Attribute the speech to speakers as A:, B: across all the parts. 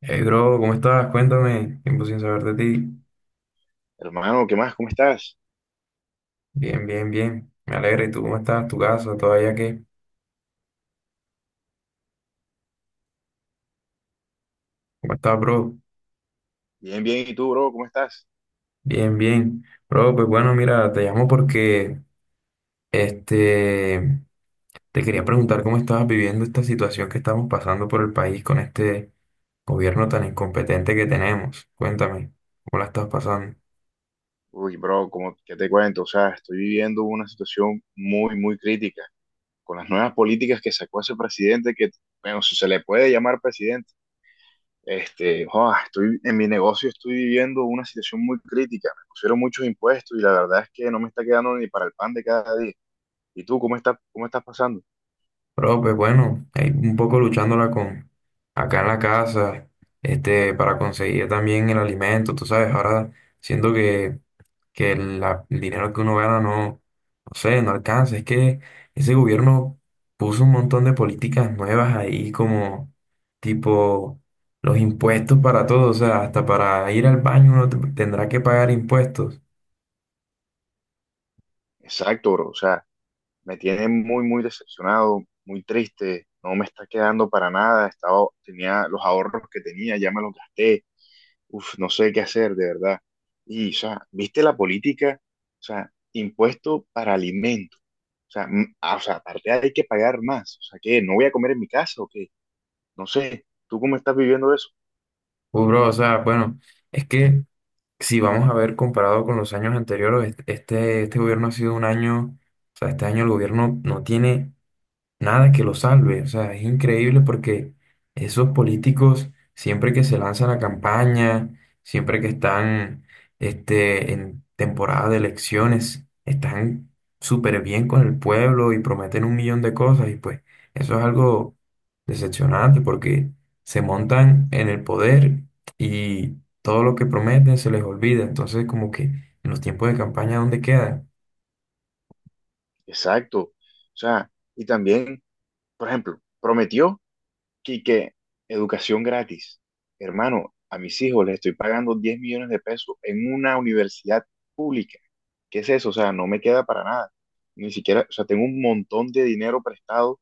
A: Hey, bro, ¿cómo estás? Cuéntame. Tiempo sin saber de ti.
B: Hermano, ¿qué más? ¿Cómo estás?
A: Bien, bien, bien. Me alegra. ¿Y tú cómo estás? ¿Tu casa? ¿Todavía qué? ¿Cómo estás, bro?
B: Bien, bien. ¿Y tú, bro? ¿Cómo estás?
A: Bien, bien. Bro, pues bueno, mira, te llamo porque este te quería preguntar cómo estabas viviendo esta situación que estamos pasando por el país con este gobierno tan incompetente que tenemos. Cuéntame, ¿cómo la estás pasando?
B: Uy, bro, qué te cuento? O sea, estoy viviendo una situación muy, muy crítica con las nuevas políticas que sacó ese presidente que, bueno, si se le puede llamar presidente. Joa, estoy en mi negocio, estoy viviendo una situación muy crítica. Me pusieron muchos impuestos y la verdad es que no me está quedando ni para el pan de cada día. ¿Y tú, cómo estás pasando?
A: Pero pues bueno, ahí un poco luchándola con acá en la casa, para conseguir también el alimento, tú sabes, ahora siento que, que el dinero que uno gana no, no sé, no alcanza. Es que ese gobierno puso un montón de políticas nuevas ahí como tipo los impuestos para todo, o sea, hasta para ir al baño uno tendrá que pagar impuestos.
B: Exacto, bro. O sea, me tiene muy, muy decepcionado, muy triste, no me está quedando para nada, tenía los ahorros que tenía, ya me los gasté, uf, no sé qué hacer, de verdad. Y, o sea, ¿viste la política? O sea, impuesto para alimentos. O sea, aparte hay que pagar más. O sea, ¿qué? ¿No voy a comer en mi casa o qué? No sé. ¿Tú cómo estás viviendo eso?
A: Bro, o sea, bueno, es que si vamos a ver comparado con los años anteriores, este gobierno ha sido un año, o sea, este año el gobierno no tiene nada que lo salve. O sea, es increíble porque esos políticos, siempre que se lanzan a campaña, siempre que están en temporada de elecciones, están súper bien con el pueblo y prometen un millón de cosas. Y pues eso es algo decepcionante porque se montan en el poder y todo lo que prometen se les olvida. Entonces, como que en los tiempos de campaña, ¿dónde quedan?
B: Exacto. O sea, y también, por ejemplo, prometió Quique, educación gratis. Hermano, a mis hijos les estoy pagando 10 millones de pesos en una universidad pública. ¿Qué es eso? O sea, no me queda para nada. Ni siquiera, o sea, tengo un montón de dinero prestado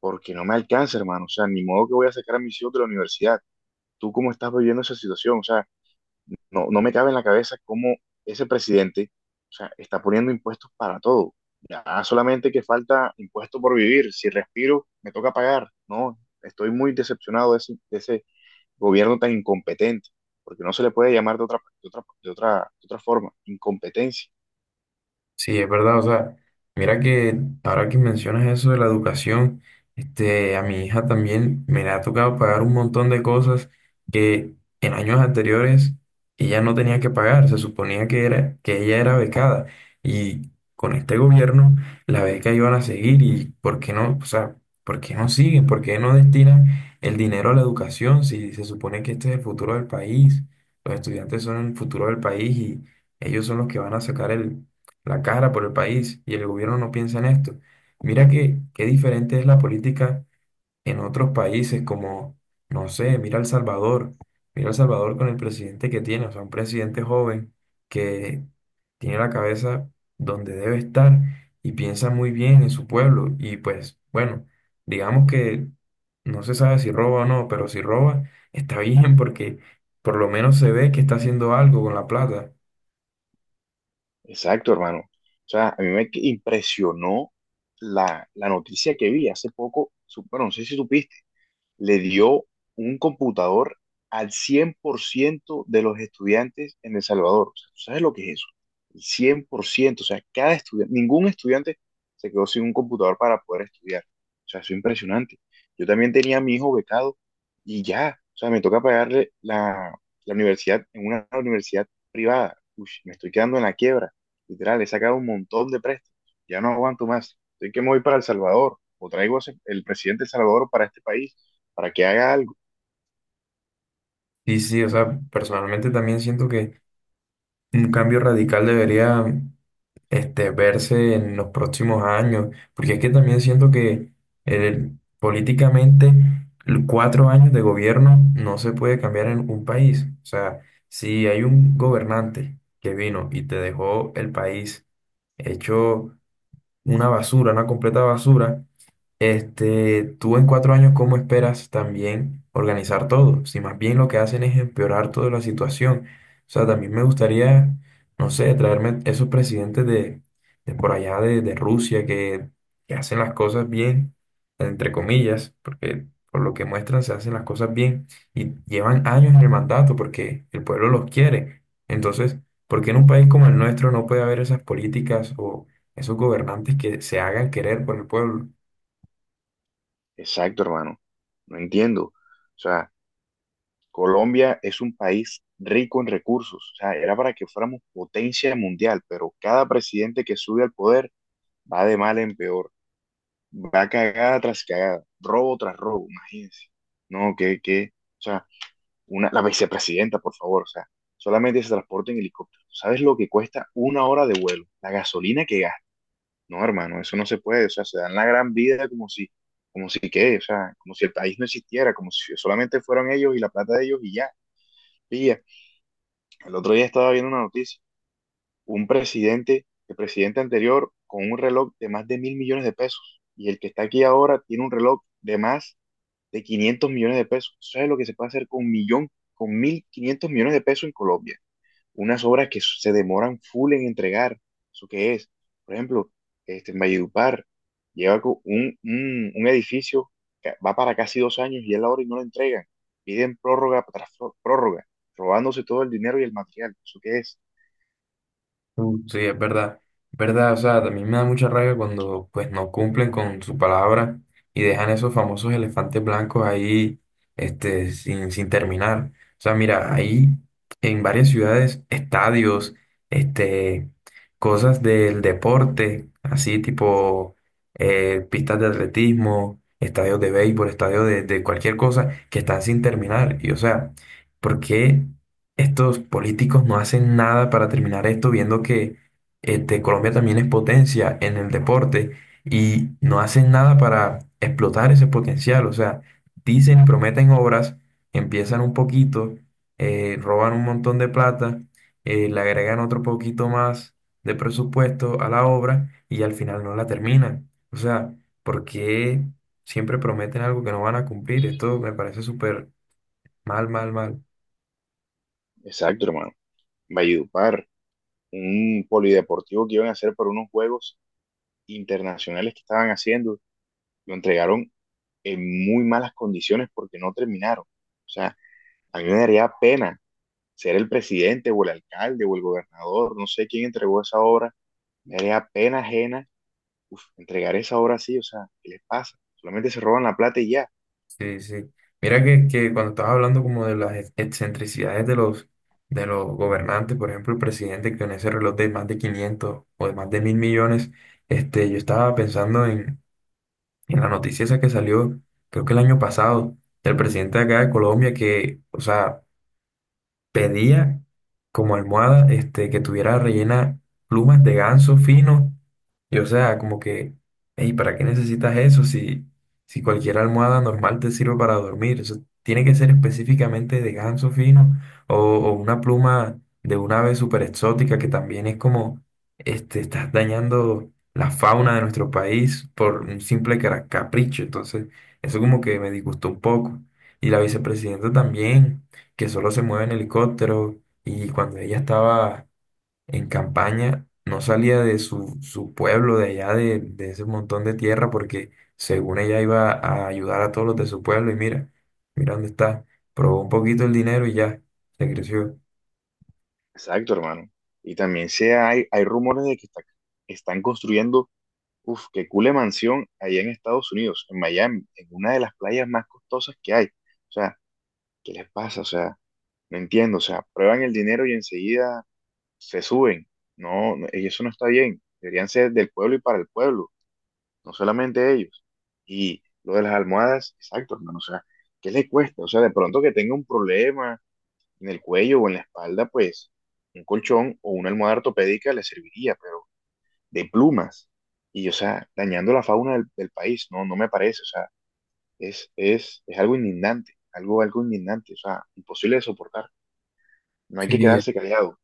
B: porque no me alcanza, hermano. O sea, ni modo que voy a sacar a mis hijos de la universidad. ¿Tú cómo estás viviendo esa situación? O sea, no, no me cabe en la cabeza cómo ese presidente, o sea, está poniendo impuestos para todo. Ya solamente que falta impuesto por vivir. Si respiro, me toca pagar. No, estoy muy decepcionado de ese gobierno tan incompetente, porque no se le puede llamar de otra forma. Incompetencia.
A: Sí, es verdad, o sea, mira que ahora que mencionas eso de la educación, a mi hija también me le ha tocado pagar un montón de cosas que en años anteriores ella no tenía que pagar, se suponía que era, que ella era becada y con este gobierno la beca iban a seguir y ¿por qué no? O sea, ¿por qué no siguen? ¿Por qué no destinan el dinero a la educación si se supone que este es el futuro del país? Los estudiantes son el futuro del país y ellos son los que van a sacar el la cara por el país y el gobierno no piensa en esto. Mira que qué diferente es la política en otros países como, no sé, mira El Salvador con el presidente que tiene, o sea, un presidente joven que tiene la cabeza donde debe estar y piensa muy bien en su pueblo y pues bueno, digamos que no se sabe si roba o no, pero si roba está bien porque por lo menos se ve que está haciendo algo con la plata.
B: Exacto, hermano. O sea, a mí me impresionó la noticia que vi hace poco. Bueno, no sé si supiste. Le dio un computador al 100% de los estudiantes en El Salvador. O sea, ¿tú sabes lo que es eso? El 100%, o sea, cada estudiante, ningún estudiante se quedó sin un computador para poder estudiar. O sea, eso es impresionante. Yo también tenía a mi hijo becado y ya, o sea, me toca pagarle la universidad en una universidad privada. Uy, me estoy quedando en la quiebra. Literal, he sacado un montón de préstamos. Ya no aguanto más. Estoy que me voy para El Salvador o traigo a el presidente de El Salvador para este país para que haga algo.
A: Y sí, o sea, personalmente también siento que un cambio radical debería verse en los próximos años, porque es que también siento que eh, políticamente 4 años de gobierno no se puede cambiar en un país. O sea, si hay un gobernante que vino y te dejó el país hecho una basura, una completa basura, tú en 4 años, ¿cómo esperas también organizar todo? Si más bien lo que hacen es empeorar toda la situación. O sea, también me gustaría, no sé, traerme esos presidentes de por allá de Rusia que hacen las cosas bien, entre comillas, porque por lo que muestran se hacen las cosas bien y llevan años en el mandato porque el pueblo los quiere. Entonces, ¿por qué en un país como el nuestro no puede haber esas políticas o esos gobernantes que se hagan querer por el pueblo?
B: Exacto, hermano. No entiendo. O sea, Colombia es un país rico en recursos. O sea, era para que fuéramos potencia mundial, pero cada presidente que sube al poder va de mal en peor. Va cagada tras cagada, robo tras robo, imagínense. No, o sea, la vicepresidenta, por favor, o sea, solamente se transporta en helicóptero. ¿Sabes lo que cuesta una hora de vuelo? La gasolina que gasta. No, hermano, eso no se puede, o sea, se dan la gran vida como si qué, o sea, como si el país no existiera, como si solamente fueron ellos y la plata de ellos y ya. Pilla, el otro día estaba viendo una noticia, un presidente, el presidente anterior, con un reloj de más de 1.000 millones de pesos, y el que está aquí ahora tiene un reloj de más de 500 millones de pesos. ¿Sabes lo que se puede hacer con 1.500 millones de pesos en Colombia? Unas obras que se demoran full en entregar. ¿Eso qué es? Por ejemplo, en Valledupar lleva un edificio que va para casi 2 años y es la hora y no lo entregan. Piden prórroga tras prórroga, robándose todo el dinero y el material. ¿Eso qué es?
A: Sí, es verdad, verdad, o sea, también me da mucha rabia cuando pues no cumplen con su palabra y dejan esos famosos elefantes blancos ahí, sin terminar. O sea, mira, ahí en varias ciudades, estadios, este, cosas del deporte, así tipo pistas de atletismo, estadios de béisbol, estadios de cualquier cosa que están sin terminar. Y o sea, ¿por qué estos políticos no hacen nada para terminar esto, viendo que Colombia también es potencia en el deporte y no hacen nada para explotar ese potencial? O sea, dicen y prometen obras, empiezan un poquito, roban un montón de plata, le agregan otro poquito más de presupuesto a la obra y al final no la terminan. O sea, ¿por qué siempre prometen algo que no van a cumplir? Esto me parece súper mal, mal, mal.
B: Exacto, hermano. Valledupar, un polideportivo que iban a hacer para unos juegos internacionales que estaban haciendo, lo entregaron en muy malas condiciones porque no terminaron. O sea, a mí me daría pena ser el presidente o el alcalde o el gobernador, no sé quién entregó esa obra, me haría pena ajena, uf, entregar esa obra así, o sea, ¿qué les pasa? Solamente se roban la plata y ya.
A: Sí, sí. Mira que cuando estabas hablando como de las excentricidades de los gobernantes, por ejemplo, el presidente que con ese reloj de más de 500 o de más de mil millones, yo estaba pensando en la noticia esa que salió, creo que el año pasado, del presidente de acá de Colombia, que, o sea, pedía como almohada, que tuviera rellena plumas de ganso fino. Y o sea, como que, hey, ¿para qué necesitas eso si, cualquier almohada normal te sirve para dormir? Eso tiene que ser específicamente de ganso fino o una pluma de una ave súper exótica que también es como, estás dañando la fauna de nuestro país por un simple capricho. Entonces, eso como que me disgustó un poco. Y la vicepresidenta también, que solo se mueve en helicóptero y cuando ella estaba en campaña no salía de su pueblo, de allá, de ese montón de tierra, porque según ella iba a ayudar a todos los de su pueblo y mira, mira dónde está, probó un poquito el dinero y ya, se creció.
B: Exacto, hermano. Y también se hay rumores de que están construyendo, uf, qué cule mansión allá en Estados Unidos, en Miami, en una de las playas más costosas que hay. O sea, ¿qué les pasa? O sea, no entiendo, o sea, prueban el dinero y enseguida se suben. No, no, y eso no está bien. Deberían ser del pueblo y para el pueblo, no solamente ellos. Y lo de las almohadas, exacto, hermano, o sea, ¿qué le cuesta? O sea, de pronto que tenga un problema en el cuello o en la espalda, pues un colchón o una almohada ortopédica le serviría, pero de plumas. Y, o sea, dañando la fauna del país, no, no me parece, o sea, es algo indignante, algo indignante, o sea, imposible de soportar. No hay que
A: Sí,
B: quedarse callado,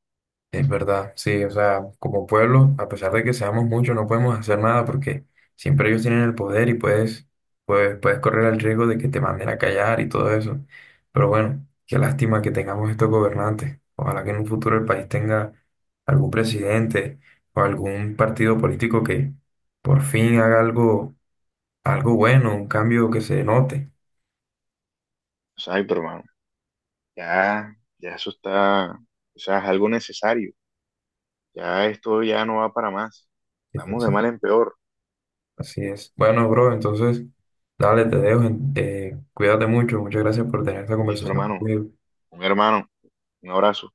A: es verdad, sí, o sea, como pueblo, a pesar de que seamos muchos, no podemos hacer nada porque siempre ellos tienen el poder y puedes correr el riesgo de que te manden a callar y todo eso. Pero bueno, qué lástima que tengamos estos gobernantes. Ojalá que en un futuro el país tenga algún presidente o algún partido político que por fin haga algo, algo bueno, un cambio que se note.
B: o sea, ay, pero hermano, ya, ya eso está, o sea, es algo necesario. Ya esto ya no va para más. Vamos de mal en peor.
A: Así es. Bueno, bro, entonces, dale, te dejo. Cuídate mucho. Muchas gracias por tener esta
B: Listo,
A: conversación
B: hermano.
A: conmigo.
B: Un hermano. Un abrazo.